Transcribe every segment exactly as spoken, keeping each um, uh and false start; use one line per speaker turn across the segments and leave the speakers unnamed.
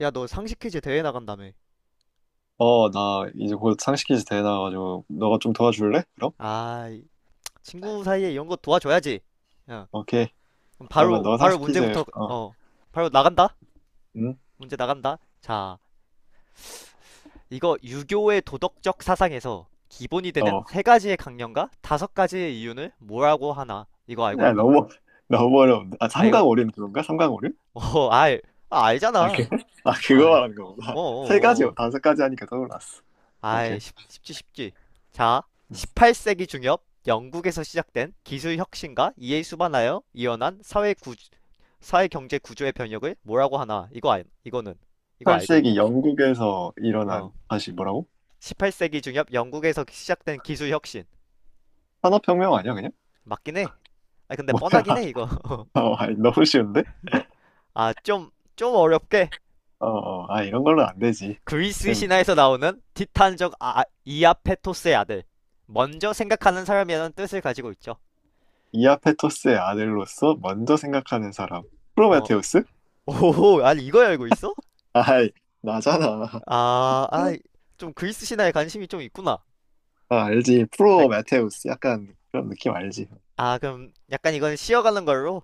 야, 너 상식 퀴즈 대회 나간다며.
어, 나 이제 곧 상식 퀴즈 대회 나가지고 너가 좀 도와줄래? 그럼?
아, 친구 사이에 이런 거 도와줘야지. 야,
오케이.
그럼
그러면
바로,
너
바로
상식 퀴즈
문제부터,
어,
어, 바로 나간다?
응?
문제 나간다? 자, 이거 유교의 도덕적 사상에서 기본이 되는
어.
세 가지의 강령과 다섯 가지의 이윤을 뭐라고 하나? 이거 알고
야,
있나?
너무 너무 어려운데. 아,
아, 이거,
삼강오륜 그건가? 삼강오륜?
어, 알, 아,
아, 그,
알잖아.
아,
아,
그거 말하는 거구나.
어, 어,
세 가지,
어. 어.
다섯 가지 하니까 떠올랐어.
아이,
오케이.
쉽, 쉽지, 쉽지. 자, 십팔 세기 중엽 영국에서 시작된 기술 혁신과 이에 수반하여 이어난 사회 사회 경제 구조의 변혁을 뭐라고 하나? 이거 알, 이거는 이거 알고 있냐?
십팔 세기 영국에서 일어난
어.
다시 뭐라고?
십팔 세기 중엽 영국에서 시작된 기술 혁신.
산업혁명 아니야, 그냥?
맞긴 해. 아, 근데
뭐야?
뻔하긴 해 이거.
어, 아니, 너무 쉬운데?
너, 아, 좀, 좀 어렵게.
어, 어, 아, 이런 걸로 안 되지.
그리스
지금.
신화에서 나오는 티탄족, 아, 이아페토스의 아들. 먼저 생각하는 사람이라는 뜻을 가지고 있죠.
이아페토스의 아들로서 먼저 생각하는 사람.
어.
프로메테우스?
오, 아니, 이걸 알고 있어?
아, 아이, 나잖아.
아, 아, 좀 그리스 신화에 관심이 좀 있구나.
아, 알지.
아,
프로 메테우스. 약간 그런 느낌 알지.
아, 그럼 약간 이건 쉬어가는 걸로.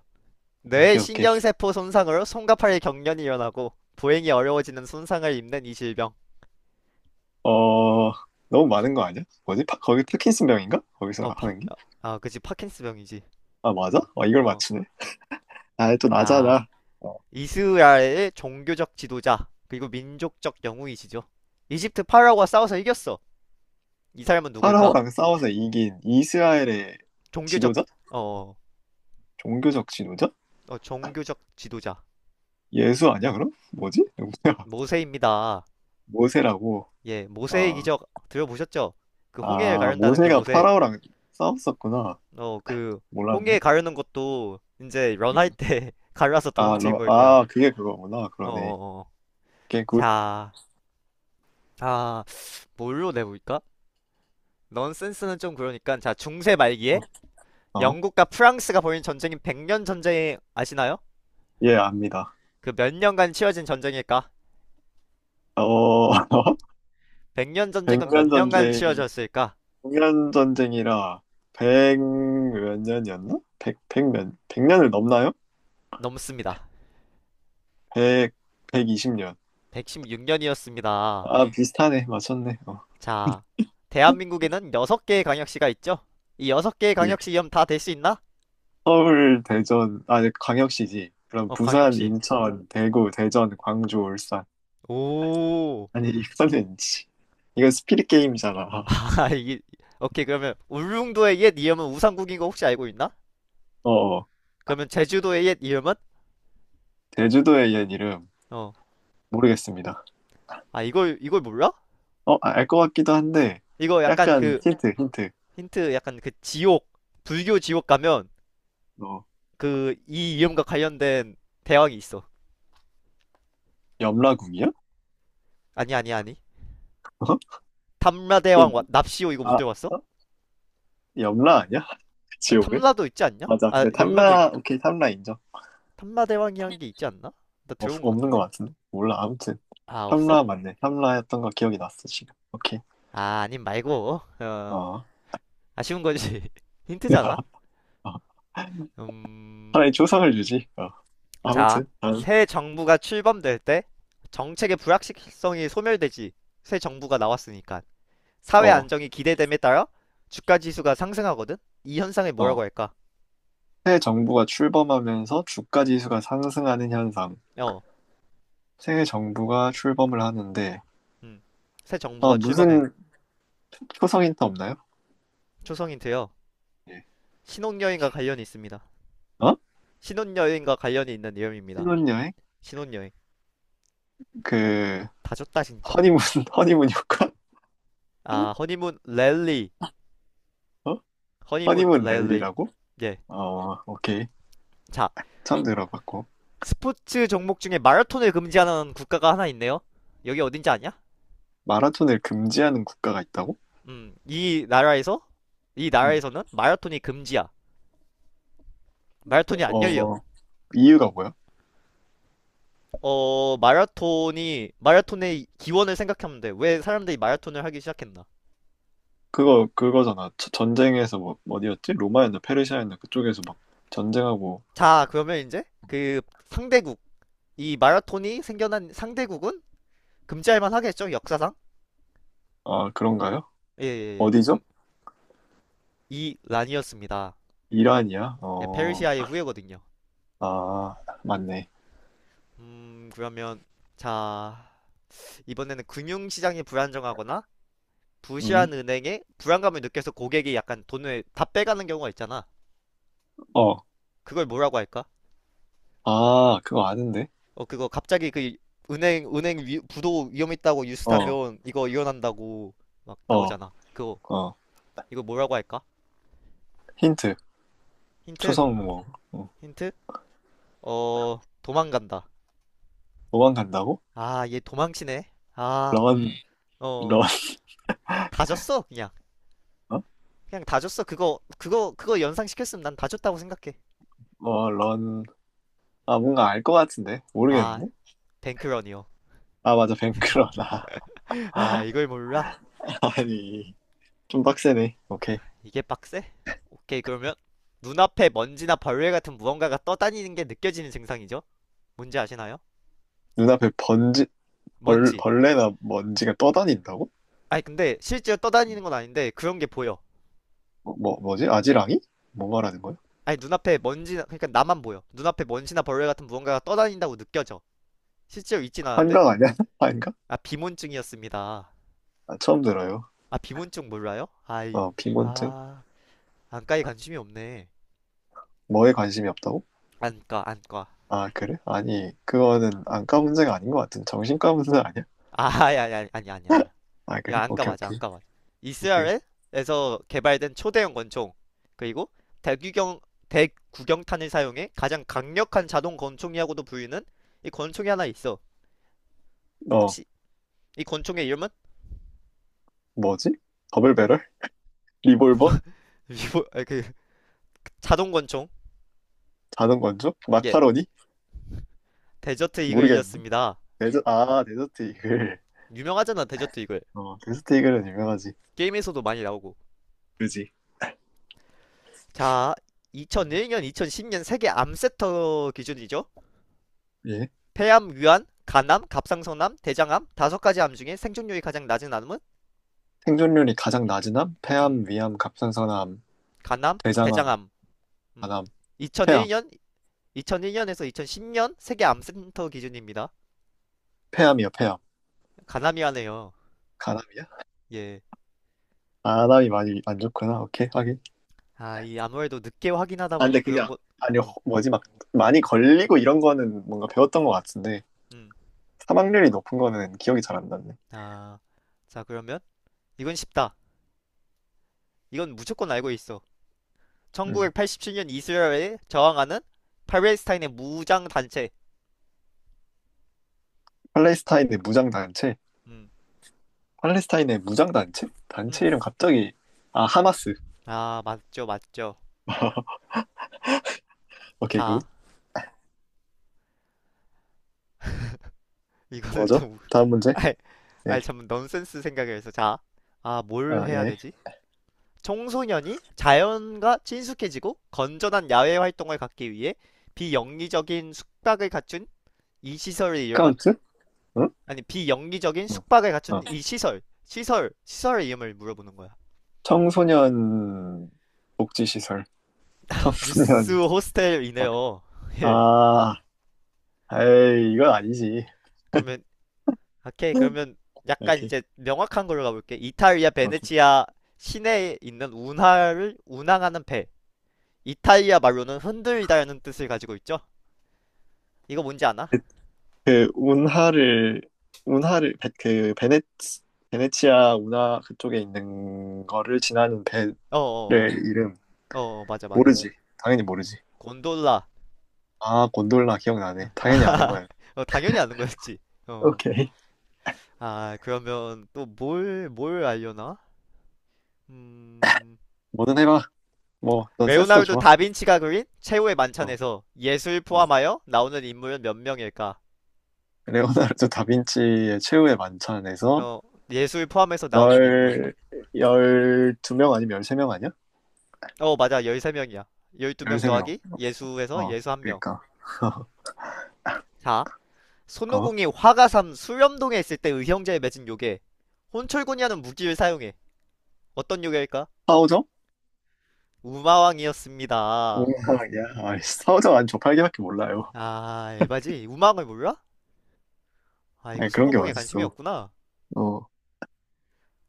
뇌
오케이, 오케이.
신경세포 손상으로 손과 팔의 경련이 일어나고 보행이 어려워지는 손상을 입는 이 질병.
어, 너무 많은 거 아니야? 뭐지? 파- 거기 파킨슨 병인가? 거기서
어, 파,
하는 게?
아, 아, 그지 파킨스병이지.
아, 맞아? 어, 이걸
어,
맞추네. 아, 또
자,
나잖아. 어,
이스라엘의 종교적 지도자 그리고 민족적 영웅이시죠. 이집트 파라오와 싸워서 이겼어. 이 사람은 누구일까?
파라오랑 싸워서 이긴 이스라엘의
종교적.
지도자?
어,
종교적 지도자?
어 종교적 지도자.
예수 아니야, 그럼? 뭐지? 누구야?
모세입니다.
모세라고.
예, 모세의
어,
기적 들어보셨죠? 그 홍해를
아,
가른다는 그
모세가
모세.
파라오랑 싸웠었구나.
어, 그,
몰랐네.
홍해 가르는 것도 이제 런할
음.
때 갈라서
아,
도망치는
러,
거일 거야.
아, 그게 그거구나.
어,
그러네.
어, 어.
게 굿.
자, 아, 뭘로 내볼까? 넌센스는 좀 그러니까, 자, 중세 말기에
어.
영국과 프랑스가 벌인 전쟁인 백년 전쟁 아시나요?
예, 압니다.
그 몇 년간 치러진 전쟁일까?
어,
백년 전쟁은 몇
백년
년간
전쟁이,
치러졌을까?
백년 전쟁이라, 백 몇 년이었나? 백, 백 몇, 백 년을 넘나요?
넘습니다.
백, 백이십 년.
백십육 년이었습니다.
아, 비슷하네. 맞췄네. 어,
자, 대한민국에는 여섯 개의 광역시가 있죠? 이 여섯 개의
예.
광역시 이름 다될 수 있나?
서울, 대전, 아, 네, 광역시지. 그럼
어,
부산,
광역시.
인천, 대구, 대전, 광주, 울산.
오,
아니, 이거는, 지- 이건 스피릿 게임이잖아.
아, 이게, 오케이, 그러면 울릉도의 옛 이름은 우산국인 거 혹시 알고 있나?
어, 어.
그러면 제주도의 옛 이름은?
제주도의 옛 이름,
어.
모르겠습니다.
아, 이걸, 이걸 몰라?
어, 알 것 같기도 한데,
이거 약간
약간
그,
힌트, 힌트.
힌트, 약간 그 지옥, 불교 지옥 가면,
어,
그, 이 이름과 관련된 대왕이 있어.
염라궁이요?
아니, 아니, 아니.
어? 그럼.
탐라대왕, 와- 납시오, 이거 못
아,
들어봤어?
어? 염라 아니야?
아,
지옥은?
탐라도 있지 않냐?
맞아.
아,
근데
연마도
탐라,
있긴.
오케이, 탐라 인정.
탐라대왕이란 게 있지 않나? 나
없,
들어본 것
없는 것
같은데.
같은데? 몰라. 아무튼.
아, 없어?
탐라 맞네. 탐라였던 거 기억이 났어, 지금. 오케이.
아, 아님 말고. 어,
어.
아쉬운 거지. 힌트잖아?
어,
음.
차라리 초상을 주지. 어.
자,
아무튼. 다음.
새 정부가 출범될 때 정책의 불확실성이 소멸되지, 새 정부가 나왔으니까 사회
어,
안정이 기대됨에 따라 주가 지수가 상승하거든. 이 현상을 뭐라고
어.
할까?
새 정부가 출범하면서 주가 지수가 상승하는 현상.
어,
새 정부가 출범을 하는데,
음, 새
어,
정부가 출범해.
무슨 초성 힌트 없나요?
초성인되요.
예.
신혼여행과 관련이 있습니다.
어?
신혼여행과 관련이 있는 내용입니다.
신혼여행?
신혼여행.
그,
다 줬다 진짜.
허니문, 허니문 효과?
아, 허니문 랠리,
어?
허니문
허니문
랠리.
랠리라고?
예,
어, 오케이.
자,
처음 들어봤고.
스포츠 종목 중에 마라톤을 금지하는 국가가 하나 있네요. 여기 어딘지 아냐?
마라톤을 금지하는 국가가 있다고?
음, 이 나라에서 이 나라에서는 마라톤이 금지야.
응.
마라톤이 안 열려.
어, 이유가 뭐야?
어, 마라톤이 마라톤의 기원을 생각하면 돼. 왜 사람들이 마라톤을 하기 시작했나?
그거, 그거잖아. 저- 전쟁에서 뭐, 어디였지? 로마였나, 페르시아였나, 그쪽에서 막 전쟁하고,
자, 그러면 이제 그 상대국 이 마라톤이 생겨난 상대국은 금지할 만하겠죠? 역사상?
아, 그런가요?
예, 예, 예.
어디죠?
그럼 이 란이었습니다.
이란이야?
예,
어,
페르시아의 후예거든요.
아, 맞네.
음, 그러면 자, 이번에는 금융시장이 불안정하거나
음,
부실한 은행에 불안감을 느껴서 고객이 약간 돈을 다 빼가는 경우가 있잖아.
어,
그걸 뭐라고 할까?
아, 그거 아는데?
어, 그거 갑자기 그 은행, 은행 위, 부도 위험 있다고
어,
뉴스타면 이거 이혼한다고 막
어,
나오잖아. 그거,
어.
이거 뭐라고 할까?
힌트.
힌트?
초성 뭐, 어,
힌트? 어, 도망간다.
도망간다고?
아, 얘 도망치네. 아,
런, 음.
어,
런,
다 줬어, 그냥.
어?
그냥 다 줬어. 그거, 그거, 그거 연상시켰으면 난 다 줬다고 생각해.
어, 런. 아, 뭔가 알 것 같은데?
아,
모르겠는데?
뱅크런이요.
아, 맞아. 뱅크러나.
아, 이걸 몰라?
아니, 좀 빡세네. 오케이.
이게 빡세? 오케이, 그러면 눈앞에 먼지나 벌레 같은 무언가가 떠다니는 게 느껴지는 증상이죠? 뭔지 아시나요?
눈앞에 번지, 벌,
먼지.
벌레나 먼지가 떠다닌다고?
아니, 근데 실제로 떠다니는 건 아닌데 그런 게 보여.
뭐, 뭐, 뭐지? 아지랑이? 뭐 말하는 거야?
아니, 눈앞에 먼지나, 그러니까 나만 보여. 눈앞에 먼지나 벌레 같은 무언가가 떠다닌다고 느껴져. 실제로 있진 않은데?
환각 아니야? 환각?
아, 비문증이었습니다.
아, 처음 들어요.
아, 비문증 몰라요? 아이.
어, 빈곤증?
아, 안과에 관심이 없네.
뭐에 관심이 없다고?
안과, 안과.
아, 그래? 아니, 그거는 안과 문제가 아닌 것 같은데. 정신과 문제 아니야?
아아 아니, 아니, 아니, 아니, 아니야.
아,
야,
그래?
안과
오케이,
맞아,
오케이.
안과 맞아.
오케이.
이스라엘에서 개발된 초대형 권총, 그리고 대규경 대구경탄을 사용해 가장 강력한 자동 권총이라고도 불리는 이 권총이 하나 있어.
어,
혹시 이 권총의 이름은,
뭐지? 더블배럴? 리볼버?
리보 아 그 자동 권총.
자동건조?
예,
마카로니?
데저트
모르겠는데.
이글이었습니다.
데저, 아, 데저트 이글.
유명하잖아 데저트 이글.
어, 데저트 이글은 유명하지.
게임에서도 많이 나오고.
그지?
자,
음.
이천일 년, 이천십 년 세계 암센터 기준이죠.
예.
폐암, 위암, 간암, 갑상선암, 대장암 다섯 가지 암 중에 생존율이 가장 낮은 암은,
생존율이 가장 낮은 암?
음,
폐암, 위암, 갑상선암,
간암,
대장암,
대장암. 음.
간암, 폐암.
이천일 년, 이천일 년에서 이천십 년 세계 암센터 기준입니다.
폐암이요, 폐암.
간암이하네요.
간암이야?
예.
간암이 많이 안 좋구나. 오케이, 하긴.
아, 이 아무래도 늦게 확인하다
아, 근데
보니
그게,
그런
아-
것,
아니,
어,
허- 뭐지, 막, 많이 걸리고 이런 거는 뭔가 배웠던 것 같은데,
음.
사망률이 높은 거는 기억이 잘 안 났네.
아, 자, 그러면 이건 쉽다. 이건 무조건 알고 있어.
음.
천구백팔십칠 년 이스라엘에 저항하는 팔레스타인의 무장 단체.
팔레스타인의 무장단체?
음,
팔레스타인의 무장단체?
음.
단체 이름 갑자기, 아, 하마스.
아, 맞죠, 맞죠.
오케이, 굿.
자, 이거는
뭐죠?
좀,
다음 문제?
아이,
예.
아이, 참, 넌센스 생각을 해서. 자, 아, 뭘
아,
해야
예.
되지? 청소년이 자연과 친숙해지고 건전한 야외 활동을 갖기 위해 비영리적인 숙박을 갖춘 이 시설의 이름은.
스카우트? 응?
아니, 비영리적인
응.
숙박을 갖춘
어.
이 시설 시설 시설의 이름을 물어보는 거야.
청소년 복지시설.
뉴스
청소년.
호스텔이네요. 예.
아, 에이, 이건 아니지.
그러면, 오케이, 그러면 약간
이렇게.
이제 명확한 걸로 가볼게. 이탈리아
오케이.
베네치아 시내에 있는 운하를 운항하는 배, 이탈리아 말로는 흔들리다라는 뜻을 가지고 있죠. 이거 뭔지 아나?
그, 운하를, 운하를, 베- 그, 베네, 베네치아 운하 그쪽에 있는 거를 지나는 배의
어어어 어,
이름.
어, 어, 어, 맞아, 맞아.
모르지. 당연히 모르지.
곤돌라.
아, 곤돌라 기억나네. 당연히 아는 거야.
어, 당연히 아는 거였지. 어.
오케이.
아, 그러면 또 뭘 뭘 알려나? 음.
뭐든 해봐. 뭐, 넌 센스도
레오나르도
좋아.
다빈치가 그린 최후의
어,
만찬에서 예술
어.
포함하여 나오는 인물은 몇 명일까?
레오나르도 다빈치의 최후의 만찬에서
어, 예술 포함해서 나오는 인물.
열, 열두 명 아니면 열세 명 아니야?
어, 맞아. 열세 명이야. 열두 명
열세 명.
더하기 예수에서
어,
예수 한명.
그러니까.
자,
그
손오공이 화가삼 수렴동에 있을 때 의형제에 맺은 요괴. 혼철군이 하는 무기를 사용해. 어떤 요괴일까?
사오정?
우마왕이었습니다.
야 아이, 사오정 안 저팔개밖에 몰라요.
아, 에바지? 우마왕을 몰라? 아, 이거
아니, 그런 게
손오공에 관심이
어딨어.
없구나.
어,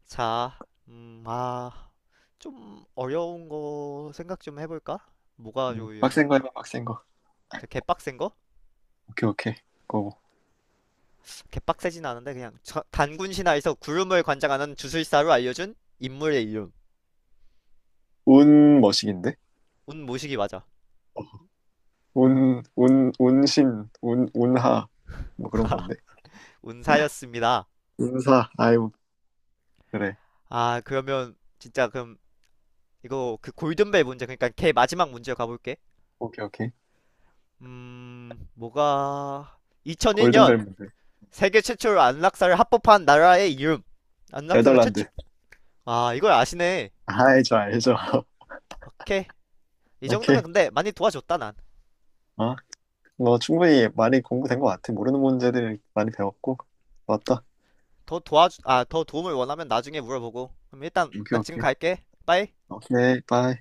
자, 음, 아. 좀 어려운 거 생각 좀 해볼까? 뭐가
음,
좋으려나?
빡센 거 해봐, 빡센 거.
개빡센 거?
오케이, 오케이. 고.
개빡세진 않은데 그냥 저- 단군 신화에서 구름을 관장하는 주술사로 알려준 인물의 이름.
운 머신인데?
운 모시기 맞아.
운, 운, 운신, 운, 운하. 뭐 그런 건데.
운사였습니다.
운사, 아이고, 그래.
아, 그러면 진짜, 그럼 이거 그 골든벨 문제, 그러니까 걔 마지막 문제 가볼게.
오케이, 오케이.
음 뭐가 이천일 년
골든벨 문제.
세계 최초로 안락사를 합법한 나라의 이름. 안락사가
네덜란드.
최초. 아, 이걸 아시네.
알죠, 알죠.
오케이. 이
오케이.
정도면 근데 많이 도와줬다 난.
어? 뭐 충분히 많이 공부된 것 같아. 모르는 문제들 많이 배웠고. 맞다.
더 도와주, 아, 더 도움을 원하면 나중에 물어보고. 그럼 일단
오케이,
난 지금
오케이.
갈게. 빠이.
오케이, 바이.